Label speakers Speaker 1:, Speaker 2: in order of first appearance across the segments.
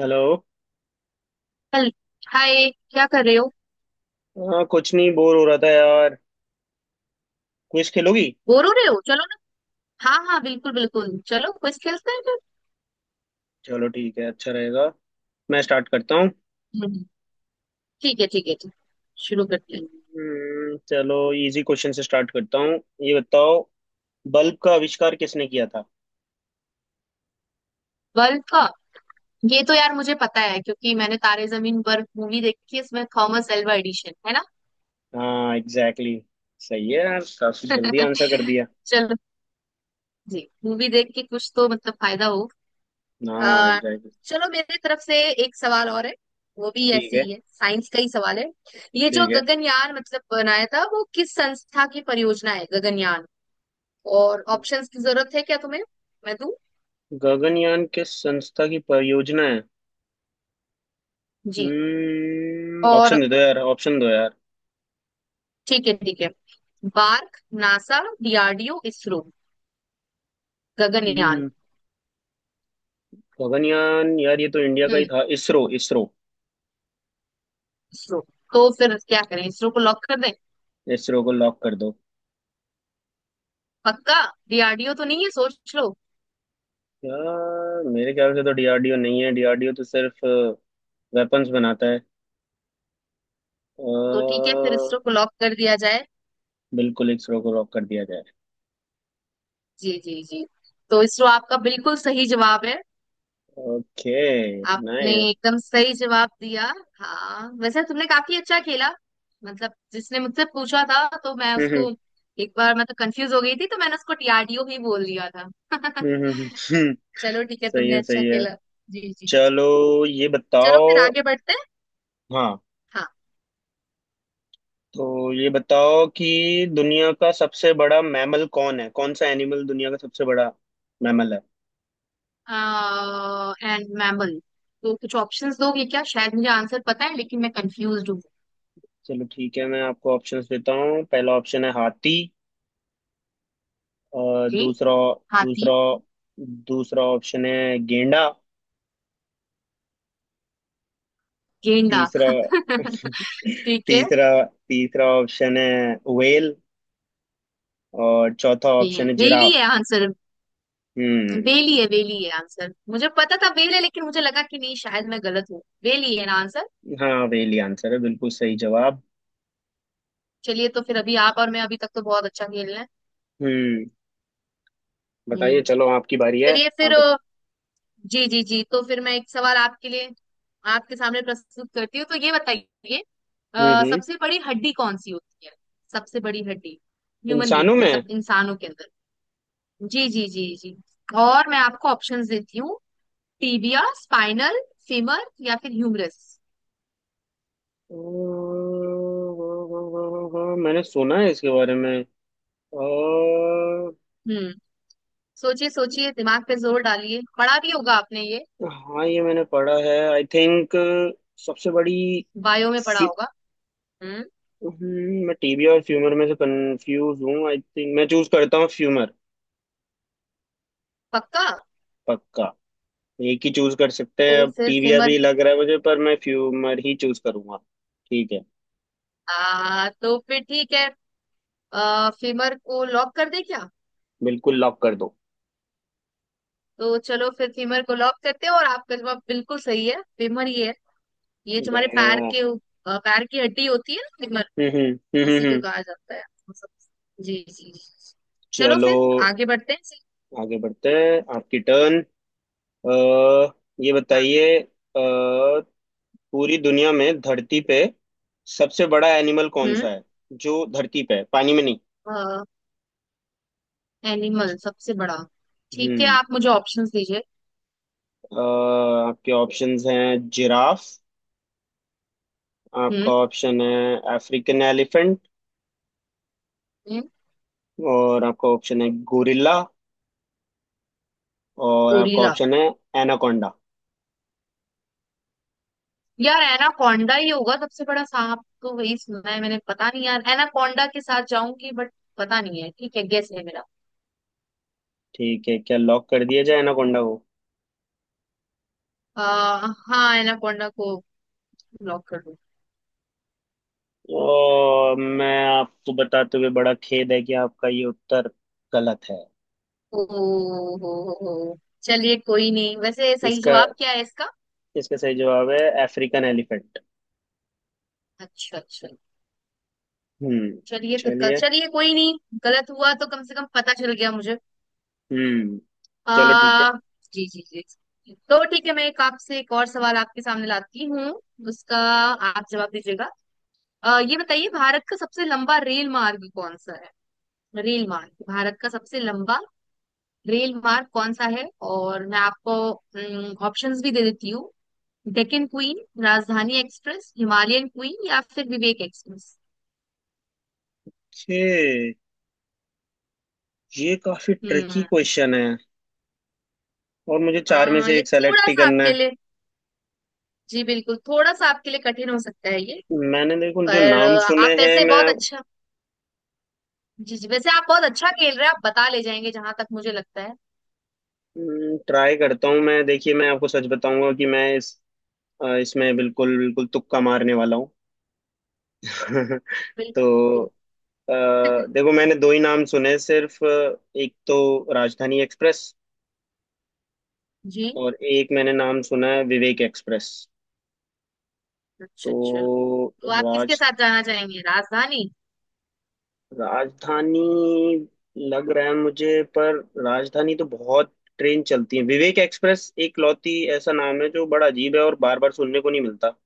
Speaker 1: Hello.
Speaker 2: चल। Hi, क्या कर रहे हो?
Speaker 1: हाँ, कुछ नहीं. बोर हो रहा था यार. क्विज खेलोगी?
Speaker 2: बोर हो रहे हो? चलो ना। हाँ हाँ, बिल्कुल बिल्कुल, चलो क्विज खेलते हैं फिर।
Speaker 1: चलो, ठीक है. अच्छा रहेगा. मैं स्टार्ट करता हूँ.
Speaker 2: हम्म, ठीक है ठीक है ठीक। शुरू करते हैं।
Speaker 1: चलो. इजी क्वेश्चन से स्टार्ट करता हूँ. ये बताओ, बल्ब का आविष्कार किसने किया था?
Speaker 2: World cup. ये तो यार मुझे पता है क्योंकि मैंने तारे जमीन पर मूवी देखी है। इसमें थॉमस एल्वा एडिशन है ना।
Speaker 1: हाँ, एग्जैक्टली exactly. सही है यार, काफी जल्दी आंसर कर दिया.
Speaker 2: चलो, जी मूवी देख के कुछ तो मतलब फायदा हो।
Speaker 1: हाँ,
Speaker 2: आ,
Speaker 1: एग्जैक्टली exactly.
Speaker 2: चलो, मेरी तरफ से एक सवाल और है। वो भी
Speaker 1: ठीक
Speaker 2: ऐसी
Speaker 1: है.
Speaker 2: ही है, साइंस का ही सवाल है। ये जो
Speaker 1: ठीक है.
Speaker 2: गगनयान मतलब बनाया था, वो किस संस्था की परियोजना है, गगनयान? और ऑप्शंस की जरूरत है क्या तुम्हें? मैं दूं?
Speaker 1: गगनयान किस संस्था की परियोजना है?
Speaker 2: जी। और
Speaker 1: ऑप्शन दे दो यार, ऑप्शन दो यार.
Speaker 2: ठीक है ठीक है। बार्क, नासा, डीआरडीओ, इसरो। गगनयान।
Speaker 1: हम्म गगनयान यार, ये तो इंडिया का ही
Speaker 2: हम्म
Speaker 1: था. इसरो, इसरो.
Speaker 2: इसरो। तो फिर क्या करें, इसरो को लॉक कर दें?
Speaker 1: इसरो को लॉक कर दो.
Speaker 2: पक्का? डीआरडीओ तो नहीं है, सोच लो।
Speaker 1: यार, मेरे ख्याल से तो डीआरडीओ नहीं है. डीआरडीओ तो सिर्फ वेपन्स बनाता है. अ,
Speaker 2: तो ठीक है, फिर इसरो को लॉक कर दिया जाए।
Speaker 1: बिल्कुल, इसरो को रॉक कर दिया जाए.
Speaker 2: जी जी जी। तो इसरो आपका बिल्कुल सही जवाब है।
Speaker 1: ओके.
Speaker 2: आपने
Speaker 1: नाइस.
Speaker 2: एकदम सही जवाब दिया। हाँ, वैसे तुमने काफी अच्छा खेला। मतलब जिसने मुझसे पूछा था तो मैं
Speaker 1: हम्म,
Speaker 2: उसको एक बार मतलब कंफ्यूज हो गई थी, तो मैंने उसको टीआरडीओ ही बोल दिया था।
Speaker 1: हम्म.
Speaker 2: चलो ठीक है,
Speaker 1: सही
Speaker 2: तुमने
Speaker 1: है,
Speaker 2: अच्छा
Speaker 1: सही है.
Speaker 2: खेला। जी जी जी।
Speaker 1: चलो, ये
Speaker 2: चलो फिर
Speaker 1: बताओ.
Speaker 2: आगे बढ़ते हैं।
Speaker 1: हाँ, तो ये बताओ कि दुनिया का सबसे बड़ा मैमल कौन है, कौन सा एनिमल दुनिया का सबसे बड़ा मैमल है?
Speaker 2: हाँ, एंड मैमल, तो कुछ ऑप्शंस दोगे क्या? शायद मुझे आंसर पता है लेकिन मैं कंफ्यूज हूँ।
Speaker 1: चलो, ठीक है, मैं आपको ऑप्शंस देता हूँ. पहला ऑप्शन है हाथी. और
Speaker 2: जी।
Speaker 1: दूसरा
Speaker 2: हाथी।
Speaker 1: दूसरा दूसरा ऑप्शन है गेंडा.
Speaker 2: गेंडा।
Speaker 1: तीसरा.
Speaker 2: ठीक है।
Speaker 1: तीसरा तीसरा ऑप्शन है व्हेल. और चौथा
Speaker 2: ये
Speaker 1: ऑप्शन है
Speaker 2: रेली
Speaker 1: जिराफ.
Speaker 2: है आंसर? वेली
Speaker 1: हम्म.
Speaker 2: है, वेली है आंसर। मुझे पता था वेल है, लेकिन मुझे लगा कि नहीं शायद मैं गलत हूँ। वेली है ना आंसर?
Speaker 1: हाँ, व्हेल ही आंसर है, बिल्कुल सही जवाब.
Speaker 2: चलिए, तो फिर अभी आप और मैं अभी तक तो बहुत अच्छा खेल रहे हैं।
Speaker 1: हम्म बताइए,
Speaker 2: हम्म
Speaker 1: चलो आपकी बारी है.
Speaker 2: चलिए फिर
Speaker 1: आप बत...
Speaker 2: जी जी जी। तो फिर मैं एक सवाल आपके लिए आपके सामने प्रस्तुत करती हूँ। तो ये बताइए,
Speaker 1: हम्म हम्म
Speaker 2: सबसे बड़ी हड्डी कौन सी होती है? सबसे बड़ी हड्डी, ह्यूमन
Speaker 1: इंसानों
Speaker 2: बींग
Speaker 1: में.
Speaker 2: मतलब इंसानों के अंदर। जी जी जी जी। और मैं आपको ऑप्शंस देती हूँ। टीबिया, स्पाइनल, फीमर, या फिर ह्यूमरस।
Speaker 1: अ, मैंने सुना है इसके बारे में. अ,
Speaker 2: हम्म सोचिए सोचिए, दिमाग पे जोर डालिए, पढ़ा भी होगा आपने ये।
Speaker 1: हाँ, ये मैंने पढ़ा है, आई थिंक. सबसे बड़ी.
Speaker 2: बायो में पढ़ा होगा। हम्म
Speaker 1: मैं टीबी और फ्यूमर में से कंफ्यूज हूँ. आई थिंक मैं चूज करता हूँ फ्यूमर.
Speaker 2: पक्का?
Speaker 1: पक्का. एक ही चूज कर सकते हैं,
Speaker 2: तो
Speaker 1: अब
Speaker 2: फिर
Speaker 1: टीबिया
Speaker 2: फेमर।
Speaker 1: भी लग रहा है मुझे, पर मैं फ्यूमर ही चूज करूंगा. ठीक है.
Speaker 2: आ, तो फिर ठीक है। फेमर को लॉक कर दे क्या?
Speaker 1: बिल्कुल, लॉक कर दो.
Speaker 2: तो चलो फिर फेमर को लॉक करते हैं, और आपका जवाब बिल्कुल सही है। फेमर ये है, ये जो हमारे
Speaker 1: Then,
Speaker 2: पैर
Speaker 1: अ,
Speaker 2: के उ- पैर की हड्डी होती है ना, फेमर,
Speaker 1: हम्म, हम्म,
Speaker 2: उसी
Speaker 1: हम्म,
Speaker 2: को
Speaker 1: हम्म.
Speaker 2: कहा जाता है। जी जी जी। चलो
Speaker 1: चलो.
Speaker 2: फिर आगे बढ़ते हैं जी।
Speaker 1: आगे बढ़ते हैं, आपकी टर्न. अ ये
Speaker 2: हाँ।
Speaker 1: बताइए, पूरी दुनिया में, धरती पे सबसे बड़ा एनिमल कौन
Speaker 2: हम्म
Speaker 1: सा है? जो धरती पे है, पानी में नहीं.
Speaker 2: एनिमल सबसे बड़ा। ठीक है,
Speaker 1: हम्म.
Speaker 2: आप मुझे ऑप्शंस दीजिए।
Speaker 1: अ, आपके ऑप्शंस हैं जिराफ, आपका ऑप्शन है अफ्रीकन एलिफेंट,
Speaker 2: हम्म
Speaker 1: और आपका ऑप्शन है गोरिल्ला, और आपका
Speaker 2: गोरिल्ला।
Speaker 1: ऑप्शन है एनाकोंडा.
Speaker 2: यार एनाकोंडा ही होगा सबसे बड़ा, सांप तो वही सुना है मैंने, पता नहीं यार, एनाकोंडा के साथ जाऊंगी बट पता नहीं है ठीक है, गेस है मेरा।
Speaker 1: ठीक है, क्या लॉक कर दिया जाए एनाकोंडा को?
Speaker 2: हाँ, एनाकोंडा को लॉक कर दो।
Speaker 1: और मैं आपको बताते हुए बड़ा खेद है कि आपका ये उत्तर गलत है.
Speaker 2: ओ हो हो। चलिए कोई नहीं, वैसे सही
Speaker 1: इसका
Speaker 2: जवाब क्या है इसका?
Speaker 1: इसका सही जवाब है अफ्रीकन एलिफेंट.
Speaker 2: अच्छा अच्छा।
Speaker 1: हम्म.
Speaker 2: चलिए फिर, कल
Speaker 1: चलिए.
Speaker 2: चलिए कोई नहीं, गलत हुआ तो कम से कम पता चल गया मुझे।
Speaker 1: हम्म चलो, ठीक है.
Speaker 2: आ, जी जी जी। तो ठीक है, मैं एक आपसे एक और सवाल आपके सामने लाती हूँ, उसका आप जवाब दीजिएगा। ये बताइए, भारत का सबसे लंबा रेल मार्ग कौन सा है? रेल मार्ग, भारत का सबसे लंबा रेल मार्ग कौन सा है? और मैं आपको ऑप्शंस भी दे देती हूँ। Deccan queen, Rajdhani express, Himalayan queen, या फिर विवेक एक्सप्रेस।
Speaker 1: छे! ये काफी ट्रिकी
Speaker 2: हम्म
Speaker 1: क्वेश्चन है. और मुझे चार में से
Speaker 2: ये
Speaker 1: एक सेलेक्ट
Speaker 2: थोड़ा
Speaker 1: ही
Speaker 2: सा
Speaker 1: करना
Speaker 2: आपके
Speaker 1: है.
Speaker 2: लिए, जी बिल्कुल, थोड़ा सा आपके लिए कठिन हो सकता है ये।
Speaker 1: मैंने देखो, जो
Speaker 2: पर
Speaker 1: नाम
Speaker 2: आप
Speaker 1: सुने हैं,
Speaker 2: वैसे
Speaker 1: मैं
Speaker 2: बहुत अच्छा, जी जी वैसे आप बहुत अच्छा खेल रहे हैं, आप बता ले जाएंगे जहां तक मुझे लगता है।
Speaker 1: ट्राई करता हूँ, मैं देखिए, मैं आपको सच बताऊंगा कि मैं इस इसमें बिल्कुल, बिल्कुल तुक्का मारने वाला हूँ.
Speaker 2: बिल्कुल
Speaker 1: तो,
Speaker 2: बिल्कुल।
Speaker 1: अ, देखो, मैंने दो ही नाम सुने सिर्फ. एक तो राजधानी एक्सप्रेस.
Speaker 2: जी।
Speaker 1: और एक मैंने नाम सुना है विवेक एक्सप्रेस.
Speaker 2: अच्छा अच्छा।
Speaker 1: तो
Speaker 2: तो आप किसके
Speaker 1: राज
Speaker 2: साथ जाना चाहेंगे, राजधानी?
Speaker 1: राजधानी लग रहा है मुझे, पर राजधानी तो बहुत ट्रेन चलती है, विवेक एक्सप्रेस एक लौती ऐसा नाम है जो बड़ा अजीब है और बार बार सुनने को नहीं मिलता.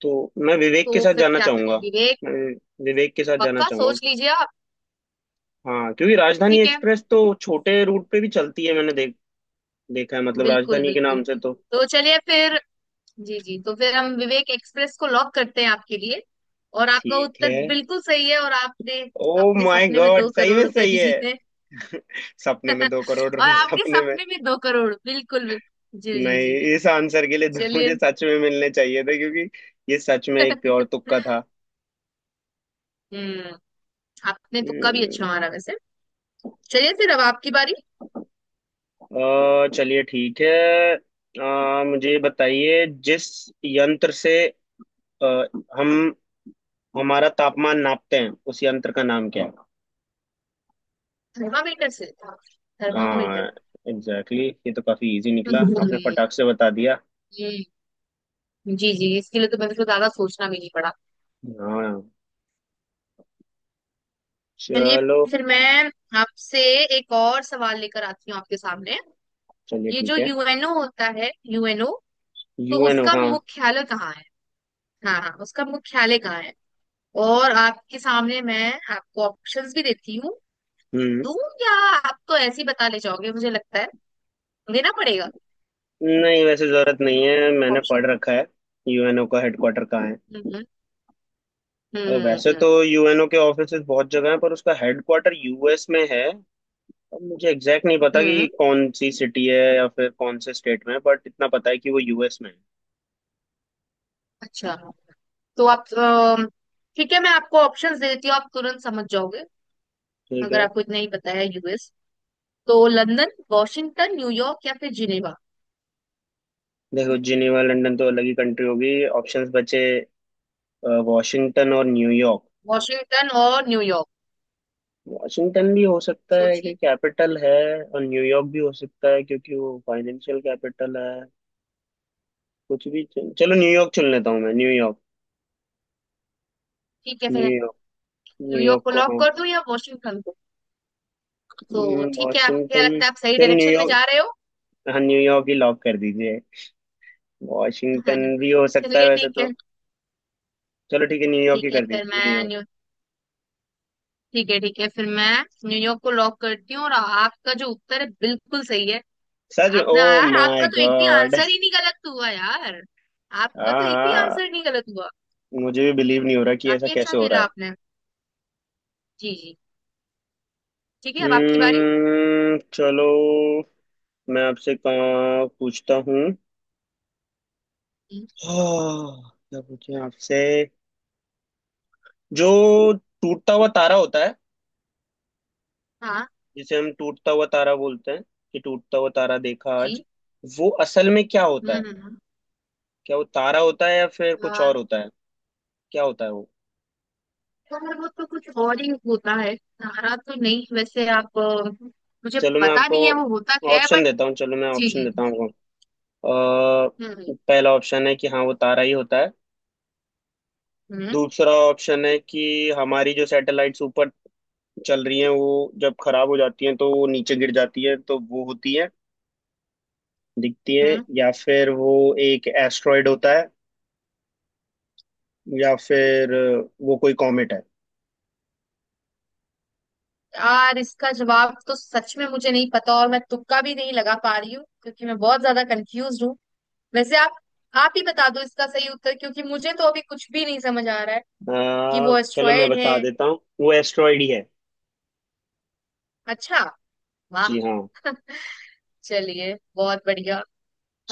Speaker 1: तो मैं विवेक के
Speaker 2: तो
Speaker 1: साथ
Speaker 2: फिर
Speaker 1: जाना
Speaker 2: क्या
Speaker 1: चाहूंगा.
Speaker 2: करें, विवेक?
Speaker 1: मैं विवेक के साथ जाना
Speaker 2: पक्का? सोच
Speaker 1: चाहूंगा.
Speaker 2: लीजिए आप।
Speaker 1: हाँ, क्योंकि राजधानी
Speaker 2: ठीक है।
Speaker 1: एक्सप्रेस तो छोटे रूट पे भी चलती है, मैंने देखा है, मतलब
Speaker 2: बिल्कुल
Speaker 1: राजधानी के नाम
Speaker 2: बिल्कुल।
Speaker 1: से तो.
Speaker 2: तो चलिए फिर, जी जी तो फिर हम विवेक एक्सप्रेस को लॉक करते हैं आपके लिए, और आपका
Speaker 1: ठीक
Speaker 2: उत्तर
Speaker 1: है.
Speaker 2: बिल्कुल सही है। और आपने
Speaker 1: ओ
Speaker 2: अपने
Speaker 1: माय
Speaker 2: सपने में
Speaker 1: गॉड,
Speaker 2: दो
Speaker 1: सही
Speaker 2: करोड़
Speaker 1: में
Speaker 2: रुपए
Speaker 1: सही
Speaker 2: भी
Speaker 1: है.
Speaker 2: जीते।
Speaker 1: सपने में 2 करोड़
Speaker 2: और
Speaker 1: रुपए,
Speaker 2: आपके
Speaker 1: सपने में.
Speaker 2: सपने में दो करोड़ बिल्कुल बिल-, जी जी
Speaker 1: नहीं,
Speaker 2: जी जी।
Speaker 1: इस आंसर के लिए तो
Speaker 2: चलिए।
Speaker 1: मुझे सच में मिलने चाहिए थे, क्योंकि ये सच में एक प्योर तुक्का था.
Speaker 2: हम्म आपने तुक्का भी
Speaker 1: हम्म,
Speaker 2: अच्छा मारा वैसे। चलिए फिर, अब आपकी बारी।
Speaker 1: चलिए, ठीक है. मुझे बताइए, जिस यंत्र से अ, हम हमारा तापमान नापते हैं, उस यंत्र का नाम क्या है?
Speaker 2: थर्मामीटर से।
Speaker 1: हाँ,
Speaker 2: थर्मामीटर।
Speaker 1: एग्जैक्टली, ये तो काफी इजी
Speaker 2: हम्म,
Speaker 1: निकला, आपने
Speaker 2: हम्म,
Speaker 1: फटाक से बता दिया.
Speaker 2: जी जी, इसके लिए तो मैंने को ज्यादा सोचना भी नहीं पड़ा।
Speaker 1: हाँ,
Speaker 2: चलिए,
Speaker 1: चलो.
Speaker 2: फिर मैं आपसे एक और सवाल लेकर आती हूँ आपके सामने।
Speaker 1: चलिए,
Speaker 2: ये जो
Speaker 1: ठीक है.
Speaker 2: यूएनओ होता है, यूएनओ, तो
Speaker 1: यूएनओ?
Speaker 2: उसका
Speaker 1: हाँ.
Speaker 2: मुख्यालय कहाँ है? हाँ हाँ, उसका मुख्यालय कहाँ है? और आपके सामने मैं आपको ऑप्शंस भी देती हूँ।
Speaker 1: हम्म.
Speaker 2: दूं? या आप तो ऐसे ही बता ले जाओगे मुझे लगता है, देना पड़ेगा
Speaker 1: नहीं, वैसे जरूरत नहीं है, मैंने
Speaker 2: ऑप्शन।
Speaker 1: पढ़ रखा है. यूएनओ का हेडक्वार्टर कहाँ है?
Speaker 2: हम्म हम्म
Speaker 1: और वैसे
Speaker 2: हम्म
Speaker 1: तो यूएनओ के ऑफिसेज बहुत जगह हैं, पर उसका हेडक्वार्टर यूएस में है. अब मुझे एग्जैक्ट नहीं पता
Speaker 2: हम्म
Speaker 1: कि
Speaker 2: हम्म,
Speaker 1: कौन सी सिटी है या फिर कौन से स्टेट में है, बट इतना पता है कि वो यूएस में है.
Speaker 2: अच्छा। तो आप ठीक है, मैं आपको ऑप्शंस दे देती हूँ, आप तुरंत समझ जाओगे।
Speaker 1: ठीक
Speaker 2: अगर
Speaker 1: है.
Speaker 2: आपको इतना ही पता है यूएस, तो लंदन, वॉशिंगटन, न्यूयॉर्क, या फिर जिनेवा।
Speaker 1: देखो, जिनेवा लंदन तो अलग ही कंट्री होगी. ऑप्शंस बचे वॉशिंगटन और न्यूयॉर्क.
Speaker 2: वॉशिंगटन और न्यूयॉर्क?
Speaker 1: वॉशिंगटन भी हो सकता है
Speaker 2: सोचिए।
Speaker 1: क्योंकि कैपिटल है. और न्यूयॉर्क भी हो सकता है क्योंकि वो फाइनेंशियल कैपिटल है. चलो, न्यूयॉर्क चुन लेता हूँ मैं. न्यूयॉर्क.
Speaker 2: ठीक है फिर,
Speaker 1: न्यूयॉर्क.
Speaker 2: न्यूयॉर्क
Speaker 1: न्यूयॉर्क
Speaker 2: को
Speaker 1: को.
Speaker 2: लॉक कर दूं या वॉशिंगटन को? तो ठीक है, आप क्या
Speaker 1: वॉशिंगटन.
Speaker 2: लगता है, आप सही
Speaker 1: चल
Speaker 2: डायरेक्शन में जा रहे
Speaker 1: न्यूयॉर्क.
Speaker 2: हो।
Speaker 1: हाँ, न्यूयॉर्क ही लॉक कर दीजिए. वॉशिंगटन भी हो सकता है
Speaker 2: चलिए
Speaker 1: वैसे
Speaker 2: ठीक है।
Speaker 1: तो. चलो, ठीक है, न्यूयॉर्क ही
Speaker 2: ठीक है
Speaker 1: कर
Speaker 2: फिर
Speaker 1: दीजिए,
Speaker 2: मैं
Speaker 1: न्यूयॉर्क.
Speaker 2: न्यू ठीक है ठीक है, फिर मैं न्यूयॉर्क को लॉक करती हूँ, और आपका जो उत्तर है बिल्कुल सही है।
Speaker 1: सच? ओ
Speaker 2: आपने यार,
Speaker 1: माय
Speaker 2: आपका तो एक भी
Speaker 1: गॉड.
Speaker 2: आंसर ही नहीं गलत हुआ यार। आपका
Speaker 1: हाँ,
Speaker 2: तो एक भी
Speaker 1: हाँ.
Speaker 2: आंसर नहीं गलत हुआ।
Speaker 1: मुझे भी बिलीव नहीं हो रहा कि ऐसा
Speaker 2: काफी अच्छा
Speaker 1: कैसे हो रहा
Speaker 2: खेला
Speaker 1: है.
Speaker 2: आपने। जी जी। ठीक है, अब आपकी बारी।
Speaker 1: चलो, मैं आपसे कहाँ पूछता हूँ.
Speaker 2: जी।
Speaker 1: हाँ, क्या पूछें आपसे. जो टूटता हुआ तारा होता है,
Speaker 2: हाँ।
Speaker 1: जिसे हम टूटता हुआ तारा बोलते हैं कि टूटता हुआ तारा देखा आज,
Speaker 2: जी।
Speaker 1: वो असल में क्या
Speaker 2: हम्म
Speaker 1: होता है?
Speaker 2: हम्म, हम्म।
Speaker 1: क्या वो तारा होता है या फिर
Speaker 2: अ,
Speaker 1: कुछ और होता है? क्या होता है वो?
Speaker 2: थोड़ा बहुत तो कुछ और ही होता है, सारा तो नहीं, वैसे आप, मुझे
Speaker 1: चलो, मैं
Speaker 2: पता
Speaker 1: आपको
Speaker 2: नहीं है वो होता क्या है
Speaker 1: ऑप्शन
Speaker 2: बट।
Speaker 1: देता हूँ, चलो मैं
Speaker 2: जी
Speaker 1: ऑप्शन
Speaker 2: जी
Speaker 1: देता हूँ
Speaker 2: जी।
Speaker 1: आपको.
Speaker 2: हम्म
Speaker 1: अ, पहला ऑप्शन है कि हाँ, वो तारा ही होता है.
Speaker 2: हम्म
Speaker 1: दूसरा ऑप्शन है कि हमारी जो सैटेलाइट्स ऊपर चल रही हैं, वो जब खराब हो जाती हैं तो वो नीचे गिर जाती हैं, तो वो होती है, दिखती है.
Speaker 2: हम्म
Speaker 1: या फिर वो एक एस्ट्रॉयड होता है, या फिर वो कोई कॉमेट है.
Speaker 2: यार इसका जवाब तो सच में मुझे नहीं पता, और मैं तुक्का भी नहीं लगा पा रही हूँ क्योंकि मैं बहुत ज्यादा कंफ्यूज हूँ। वैसे आप ही बता दो इसका सही उत्तर, क्योंकि मुझे तो अभी कुछ भी नहीं समझ आ रहा है। कि वो
Speaker 1: चलो, मैं
Speaker 2: एस्ट्रॉयड है?
Speaker 1: बता देता हूँ, वो एस्ट्रॉयड ही है.
Speaker 2: अच्छा, वाह।
Speaker 1: जी हाँ.
Speaker 2: चलिए, बहुत बढ़िया,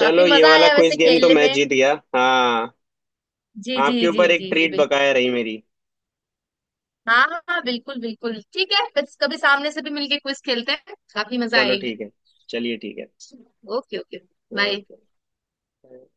Speaker 2: काफी
Speaker 1: ये
Speaker 2: मजा
Speaker 1: वाला
Speaker 2: आया
Speaker 1: क्विज
Speaker 2: वैसे
Speaker 1: गेम तो
Speaker 2: खेलने
Speaker 1: मैं
Speaker 2: में।
Speaker 1: जीत गया, हाँ.
Speaker 2: जी जी
Speaker 1: आपके
Speaker 2: जी
Speaker 1: ऊपर एक
Speaker 2: जी जी
Speaker 1: ट्रीट
Speaker 2: बिल्कुल।
Speaker 1: बकाया रही मेरी.
Speaker 2: हाँ हाँ हाँ, बिल्कुल बिल्कुल ठीक है, कभी कभी सामने से भी मिलके क्विज खेलते हैं, काफी मजा
Speaker 1: चलो,
Speaker 2: आएगी।
Speaker 1: ठीक है. चलिए, ठीक है.
Speaker 2: Okay okay. बाय।
Speaker 1: ओके.